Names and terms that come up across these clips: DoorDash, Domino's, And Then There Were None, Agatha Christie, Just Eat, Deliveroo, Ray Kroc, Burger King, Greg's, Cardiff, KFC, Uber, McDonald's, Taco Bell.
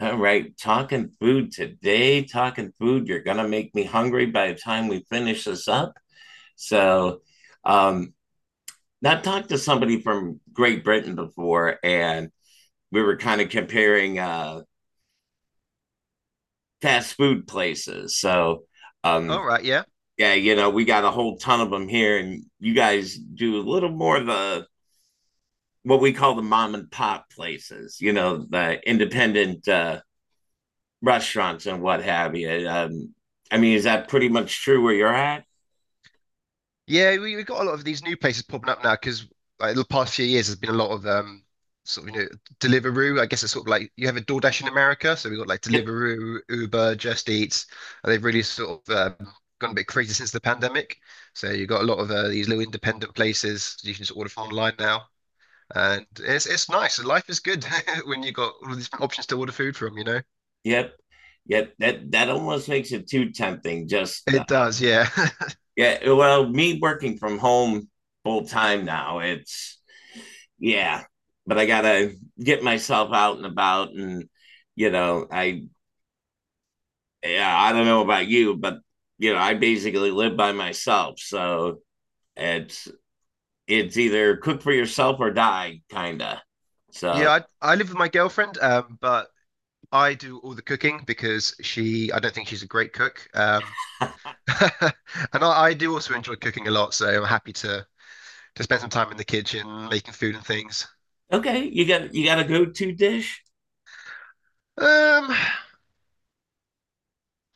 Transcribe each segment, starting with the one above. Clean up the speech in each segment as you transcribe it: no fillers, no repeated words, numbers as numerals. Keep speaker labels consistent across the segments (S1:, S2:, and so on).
S1: All right, talking food today, talking food. You're gonna make me hungry by the time we finish this up. So, um, I talked to somebody from Great Britain before, and we were kind of comparing fast food places. So, um,
S2: All right, yeah.
S1: yeah, you know, we got a whole ton of them here, and you guys do a little more of the what we call the mom and pop places. You know, the independent restaurants and what have you. I mean, is that pretty much true where you're at?
S2: Yeah, we've got a lot of these new places popping up now because like, the past few years there's been a lot of sort of Deliveroo. I guess it's sort of like you have a DoorDash in America, so we've got like
S1: Yep,
S2: Deliveroo, Uber, Just Eat, and they've really sort of gone a bit crazy since the pandemic. So you've got a lot of these little independent places you can just order from online now, and it's nice. Life is good when you've got all these options to order food from.
S1: yep, yep. That almost makes it too tempting. Just
S2: It does, yeah.
S1: yeah. Well, me working from home full time now, it's yeah. But I gotta get myself out and about, and you know, I yeah, I don't know about you, but you know, I basically live by myself, so it's it's either cook for yourself or die, kinda.
S2: Yeah,
S1: So
S2: I live with my girlfriend, but I do all the cooking because she, I don't think she's a great cook. And I do also enjoy cooking a lot, so I'm happy to spend some time in the kitchen making food and things.
S1: okay, you got a go-to dish?
S2: I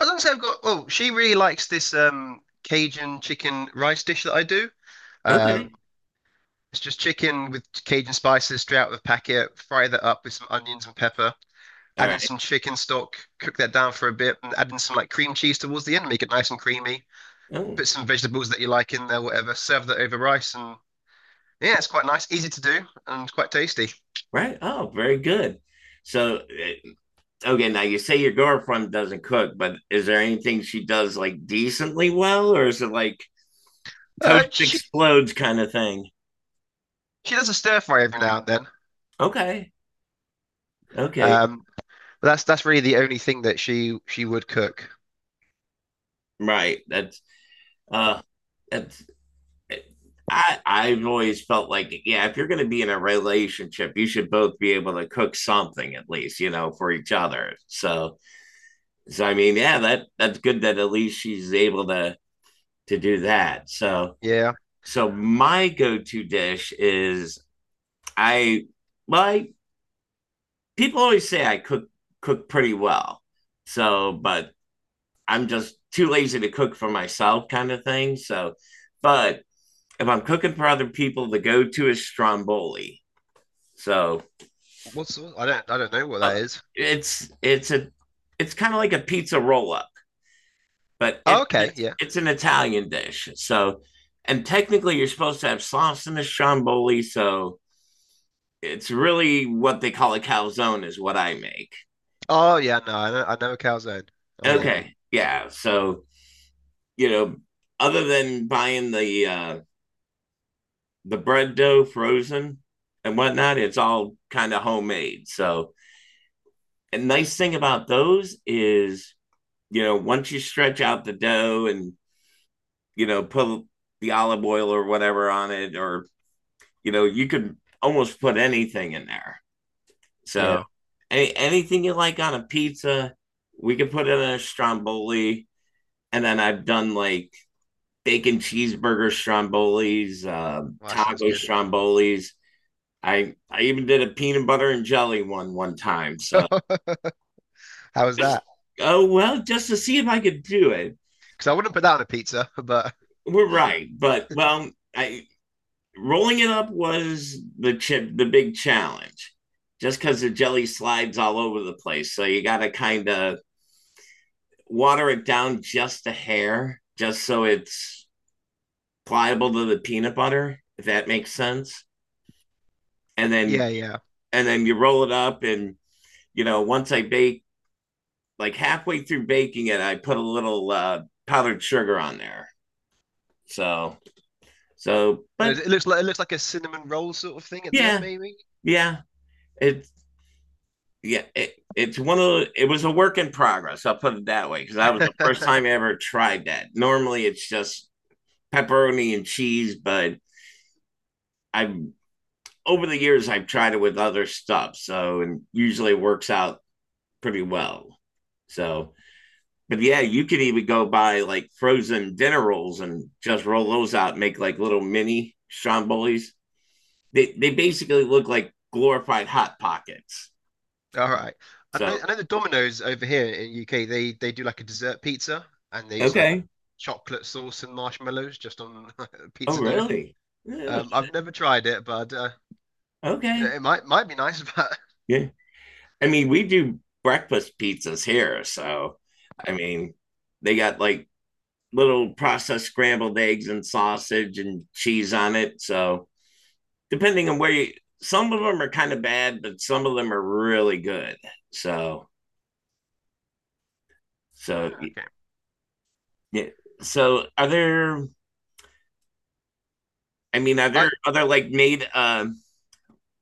S2: don't say I've got. Oh, she really likes this Cajun chicken rice dish that I do.
S1: Okay.
S2: Um, it's just chicken with Cajun spices straight out of the packet. Fry that up with some onions and pepper.
S1: All
S2: Add in
S1: right.
S2: some chicken stock. Cook that down for a bit, and add in some like cream cheese towards the end. Make it nice and creamy.
S1: Oh,
S2: Put some vegetables that you like in there, whatever. Serve that over rice, and yeah, it's quite nice, easy to do, and quite tasty.
S1: right. Oh, very good. So, okay, now you say your girlfriend doesn't cook, but is there anything she does like decently well, or is it like
S2: Uh,
S1: toast
S2: she she,
S1: explodes kind of thing?
S2: she does a stir fry every now and then.
S1: Okay. Okay.
S2: Um, but that's really the only thing that she would cook.
S1: Right. Uh that's eh, I've always felt like yeah, if you're going to be in a relationship, you should both be able to cook something at least, you know, for each other. So, so I mean, yeah, that's good that at least she's able to do that. So
S2: Yeah.
S1: so my go-to dish is I well, people always say I cook pretty well. So, but I'm just too lazy to cook for myself, kind of thing. So, but if I'm cooking for other people, the go-to is stromboli. So
S2: What's I don't know what
S1: uh,
S2: that is.
S1: it's it's a it's kind of like a pizza roll-up. But it,
S2: Oh, okay,
S1: it's,
S2: yeah.
S1: it's an Italian dish. So, and technically, you're supposed to have sauce in the stromboli. So, it's really what they call a calzone, is what I make.
S2: Oh yeah, no, I know a calzone. Oh yeah,
S1: Okay. Yeah. So, you know, other than buying the bread dough frozen and whatnot, it's all kind of homemade. So, a nice thing about those is, you know, once you stretch out the dough and, you know, put the olive oil or whatever on it or you know, you could almost put anything in there. So
S2: yeah.
S1: anything you like on a pizza, we could put in a stromboli. And then I've done like bacon cheeseburger strombolis,
S2: Well, that sounds
S1: taco
S2: good.
S1: strombolis. I even did a peanut butter and jelly one one time. So
S2: How was that?
S1: oh well, just to see if I could do it.
S2: Because I wouldn't put that on a pizza, but
S1: We're right, but well, I rolling it up was the big challenge just because the jelly slides all over the place so you got to kind of water it down just a hair just so it's pliable to the peanut butter, if that makes sense. And then
S2: yeah, yeah.
S1: you roll it up, and you know, once I bake, like halfway through baking it, I put a little powdered sugar on there. So but
S2: It looks like it looks like a cinnamon roll sort of thing at the end,
S1: yeah
S2: maybe.
S1: yeah it yeah, it's one of it was a work in progress. I'll put it that way because that was the first time I ever tried that. Normally, it's just pepperoni and cheese, but I've over the years I've tried it with other stuff, so and usually it works out pretty well. So, but yeah, you could even go buy like frozen dinner rolls and just roll those out, and make like little mini strombolis. They basically look like glorified hot pockets.
S2: All right.
S1: So
S2: I know the Domino's over here in UK, they do like a dessert pizza and they it's like
S1: okay,
S2: chocolate sauce and marshmallows just on
S1: oh
S2: pizza dough.
S1: really? Yeah,
S2: I've never tried it, but
S1: okay.
S2: it might be nice, but
S1: Yeah. I mean, we do breakfast pizzas here. So, I mean, they got like little processed scrambled eggs and sausage and cheese on it. So, depending on where you, some of them are kind of bad, but some of them are really good. So,
S2: yeah,
S1: so,
S2: okay.
S1: yeah. So, are there, I mean, are
S2: I
S1: there other like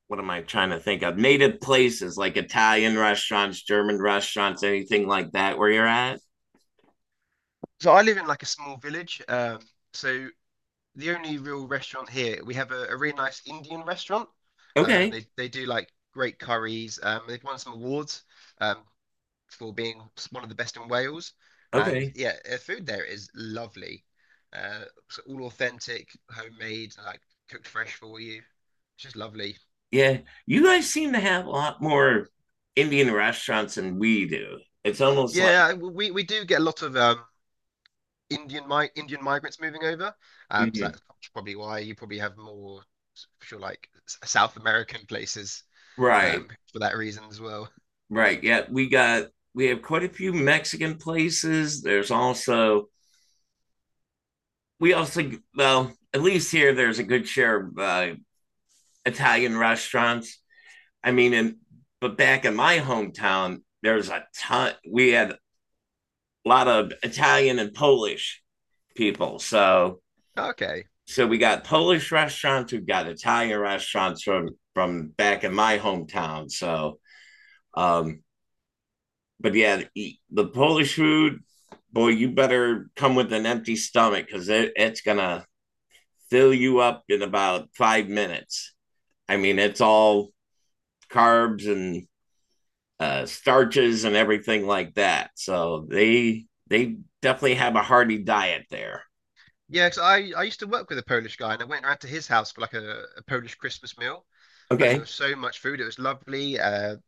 S1: what am I trying to think of? Native places like Italian restaurants, German restaurants, anything like that where you're at?
S2: so I live in like a small village. So the only real restaurant here, we have a really nice Indian restaurant.
S1: Okay.
S2: They do like great curries. They've won some awards. Um, for being one of the best in Wales. And
S1: Okay.
S2: yeah, the food there is lovely. So all authentic, homemade, like cooked fresh for you. It's just lovely.
S1: Yeah, you guys seem to have a lot more Indian restaurants than we do. It's almost like
S2: Yeah, we do get a lot of Indian migrants moving over. So
S1: mhm,
S2: that's probably why you probably have more sure like South American places
S1: right,
S2: for that reason as well.
S1: right. Yeah, we have quite a few Mexican places. There's also we also well, at least here there's a good share of Italian restaurants. I mean, and but back in my hometown, there's a ton. We had a lot of Italian and Polish people, so
S2: Okay.
S1: we got Polish restaurants, we've got Italian restaurants from back in my hometown. So, um, but yeah, the Polish food, boy, you better come with an empty stomach because it's gonna fill you up in about 5 minutes. I mean, it's all carbs and starches and everything like that. So they definitely have a hearty diet there.
S2: Yeah, because I used to work with a Polish guy and I went around to his house for like a Polish Christmas meal and there
S1: Okay.
S2: was so much food. It was lovely.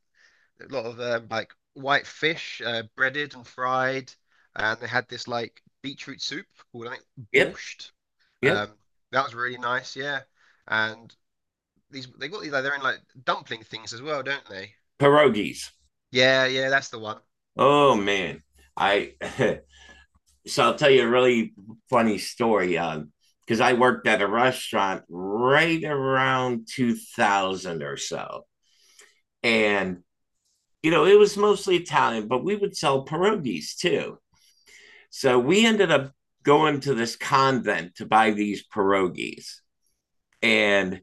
S2: A lot of like white fish, breaded and fried, and they had this like beetroot soup called I think
S1: Yep.
S2: borscht.
S1: Yep.
S2: Um, that was really nice, yeah. And these they got these like they're in like dumpling things as well, don't they?
S1: Pierogies.
S2: Yeah, yeah, that's the one.
S1: Oh man, I. So I'll tell you a really funny story. Because I worked at a restaurant right around 2000 or so, and you know it was mostly Italian, but we would sell pierogies too. So we ended up going to this convent to buy these pierogies, and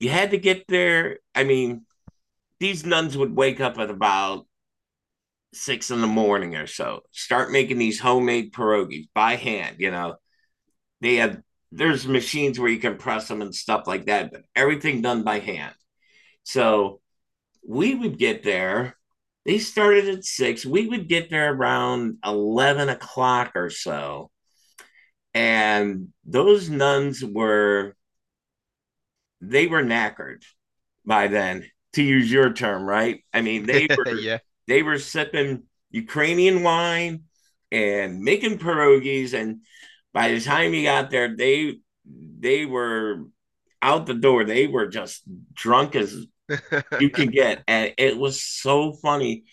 S1: you had to get there. I mean, these nuns would wake up at about 6 in the morning or so, start making these homemade pierogies by hand, you know. They have There's machines where you can press them and stuff like that, but everything done by hand. So we would get there. They started at 6. We would get there around 11 o'clock or so, and those nuns were knackered by then, to use your term, right? I mean, they were
S2: Yeah.
S1: they were sipping Ukrainian wine and making pierogies, and by the time you got there, they were out the door. They were just drunk as you can get, and it was so funny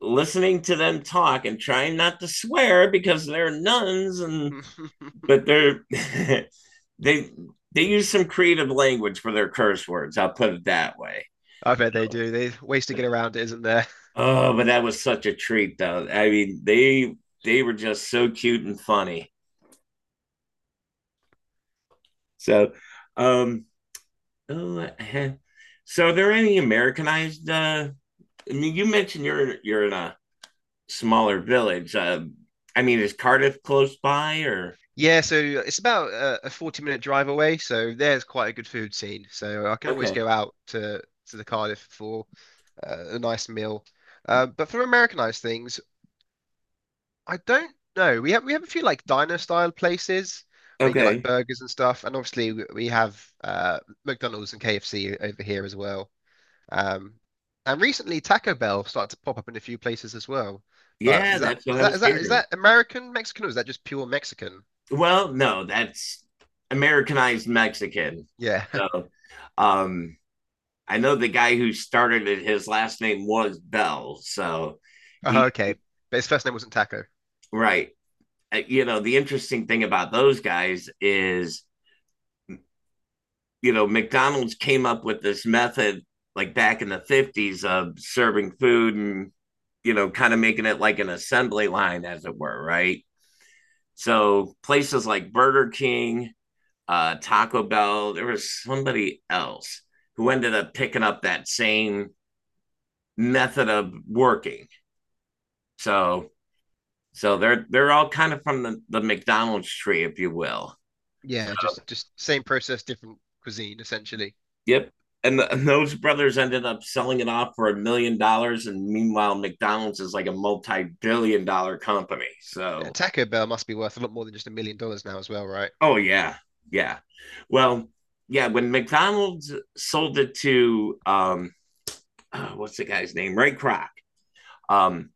S1: listening to them talk and trying not to swear because they're nuns and but they're they they use some creative language for their curse words. I'll put it that way.
S2: I bet they do. There's ways to get around it, isn't there?
S1: Oh, but that was such a treat, though. I mean, they were just so cute and funny. So, um, oh, so are there any Americanized? I mean, you mentioned you're in a smaller village. I mean, is Cardiff close by or?
S2: Yeah, so it's about a 40-minute drive away, so there's quite a good food scene. So I can always
S1: Okay.
S2: go out to the Cardiff for a nice meal. But for Americanized things, I don't know. We have a few like diner style places where you get like
S1: Okay.
S2: burgers and stuff, and obviously we have McDonald's and KFC over here as well. Um, and recently Taco Bell started to pop up in a few places as well. But
S1: Yeah, that's what I was
S2: is
S1: hearing.
S2: that American Mexican or is that just pure Mexican?
S1: Well, no, that's Americanized Mexican.
S2: Yeah.
S1: So um I know the guy who started it, his last name was Bell. So
S2: Oh,
S1: he
S2: okay. But his first name wasn't Taco.
S1: right. You know, the interesting thing about those guys is, you know, McDonald's came up with this method like back in the 50s of serving food and you know, kind of making it like an assembly line, as it were, right? So places like Burger King, Taco Bell. There was somebody else who ended up picking up that same method of working. So they're all kind of from the McDonald's tree, if you will.
S2: Yeah, just same process, different cuisine essentially.
S1: Yep. And those brothers ended up selling it off for $1 million, and meanwhile, McDonald's is like a multi-billion-dollar company.
S2: Yeah,
S1: So,
S2: Taco Bell must be worth a lot more than just $1 million now as well, right?
S1: oh yeah, yeah. Well, yeah. When McDonald's sold it to oh, what's the guy's name? Ray Kroc. Um,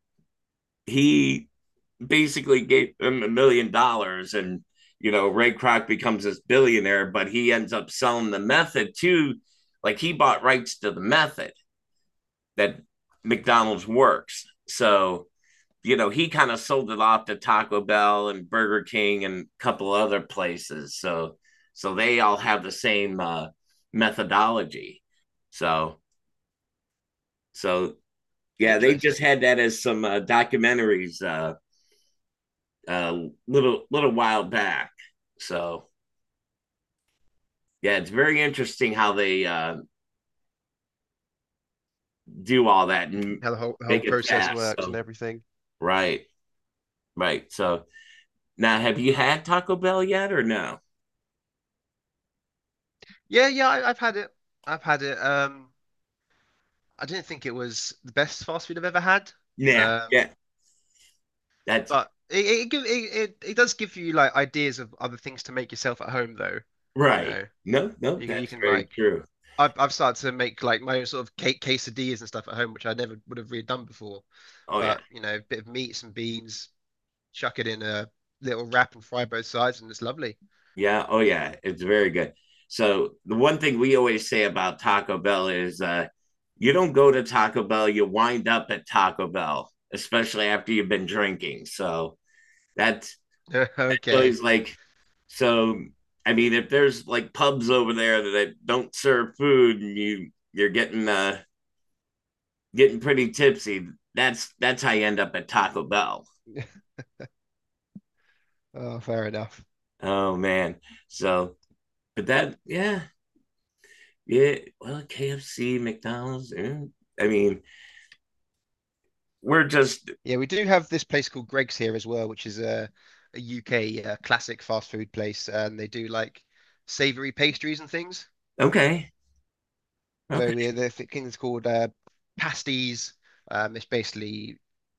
S1: he basically gave him $1 million, and you know, Ray Kroc becomes this billionaire, but he ends up selling the method too. Like he bought rights to the method that McDonald's works. So, you know, he kind of sold it off to Taco Bell and Burger King and a couple other places. So they all have the same methodology. So so yeah, they just
S2: Interesting.
S1: had that as some documentaries a little while back. So yeah, it's very interesting how they do all that and
S2: How the whole
S1: make it
S2: process
S1: fast.
S2: works and
S1: So
S2: everything.
S1: right, right. So now, have you had Taco Bell yet or no?
S2: Yeah, yeah, I've had it. I've had it. I didn't think it was the best fast food I've ever had.
S1: Yeah,
S2: Um,
S1: yeah. That's
S2: but it does give you like ideas of other things to make yourself at home though. You
S1: right.
S2: know,
S1: No, no,
S2: you
S1: that's
S2: can
S1: very
S2: like
S1: true.
S2: I've started to make like my own sort of cake quesadillas and stuff at home, which I never would have really done before.
S1: Oh yeah,
S2: But you know, a bit of meat, some beans, chuck it in a little wrap and fry both sides, and it's lovely.
S1: yeah. Oh yeah, it's very good. So the one thing we always say about Taco Bell is you don't go to Taco Bell, you wind up at Taco Bell, especially after you've been drinking. So that's so
S2: Okay.
S1: he's like, so I mean, if there's like pubs over there that don't serve food and you're getting getting pretty tipsy, that's how you end up at Taco Bell.
S2: Oh, fair enough.
S1: Oh man. So but that yeah, yeah. Well, KFC, McDonald's, eh, I mean, we're just
S2: Yeah, we do have this place called Greg's here as well, which is a UK classic fast food place, and they do like savory pastries and things.
S1: okay. Okay.
S2: So yeah, the thing is called pasties. It's basically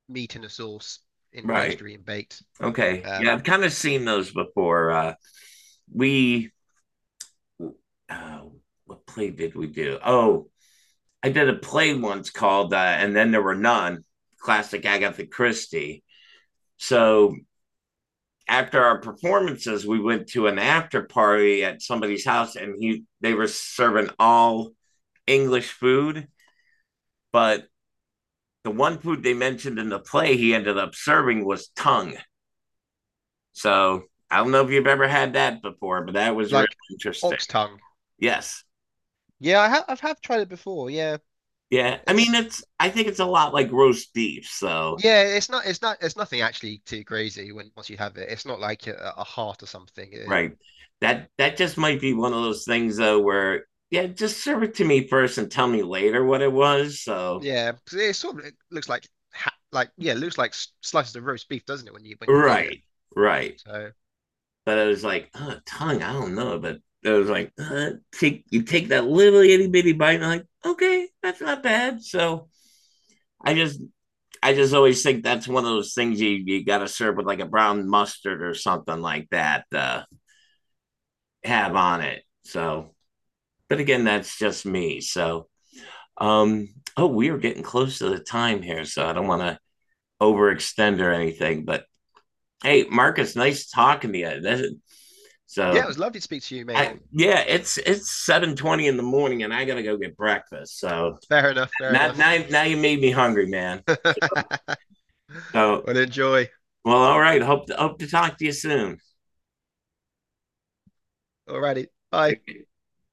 S2: meat in a sauce in
S1: Right.
S2: pastry and baked,
S1: Okay. Yeah,
S2: um,
S1: I've kind of seen those before. We uh what play did we do? Oh, I did a play once called And Then There Were None, classic Agatha Christie. So after our performances, we went to an after party at somebody's house, and he they were serving all English food, but the one food they mentioned in the play he ended up serving was tongue. So I don't know if you've ever had that before, but that was really
S2: like
S1: interesting.
S2: ox tongue.
S1: Yes.
S2: Yeah, I've have tried it before. Yeah,
S1: Yeah. I mean,
S2: it's
S1: I think it's a lot like roast beef. So
S2: yeah, it's nothing actually too crazy when once you have it. It's not like a heart or something.
S1: right. That just might be one of those things though where yeah, just serve it to me first and tell me later what it was. So
S2: Yeah, 'cause it sort of it looks like like yeah, it looks like slices of roast beef, doesn't it? When you get it.
S1: right, right.
S2: So
S1: But I was like, oh, tongue, I don't know. But I was like, take you take that little itty bitty bite, and I'm like, okay, that's not bad. So I just I just always think that's one of those things you gotta serve with like a brown mustard or something like that, have on it. So but again, that's just me. So Um, oh, we are getting close to the time here, so I don't want to overextend or anything. But hey, Marcus, nice talking to you. That's, it.
S2: yeah,
S1: So
S2: it was lovely to speak to you, mate.
S1: yeah, it's 7:20 in the morning, and I gotta go get breakfast. So
S2: Fair enough. Fair
S1: now
S2: enough.
S1: now you made me hungry, man. So
S2: Well, enjoy.
S1: well, all right. Hope to talk to you soon.
S2: Alrighty. Bye.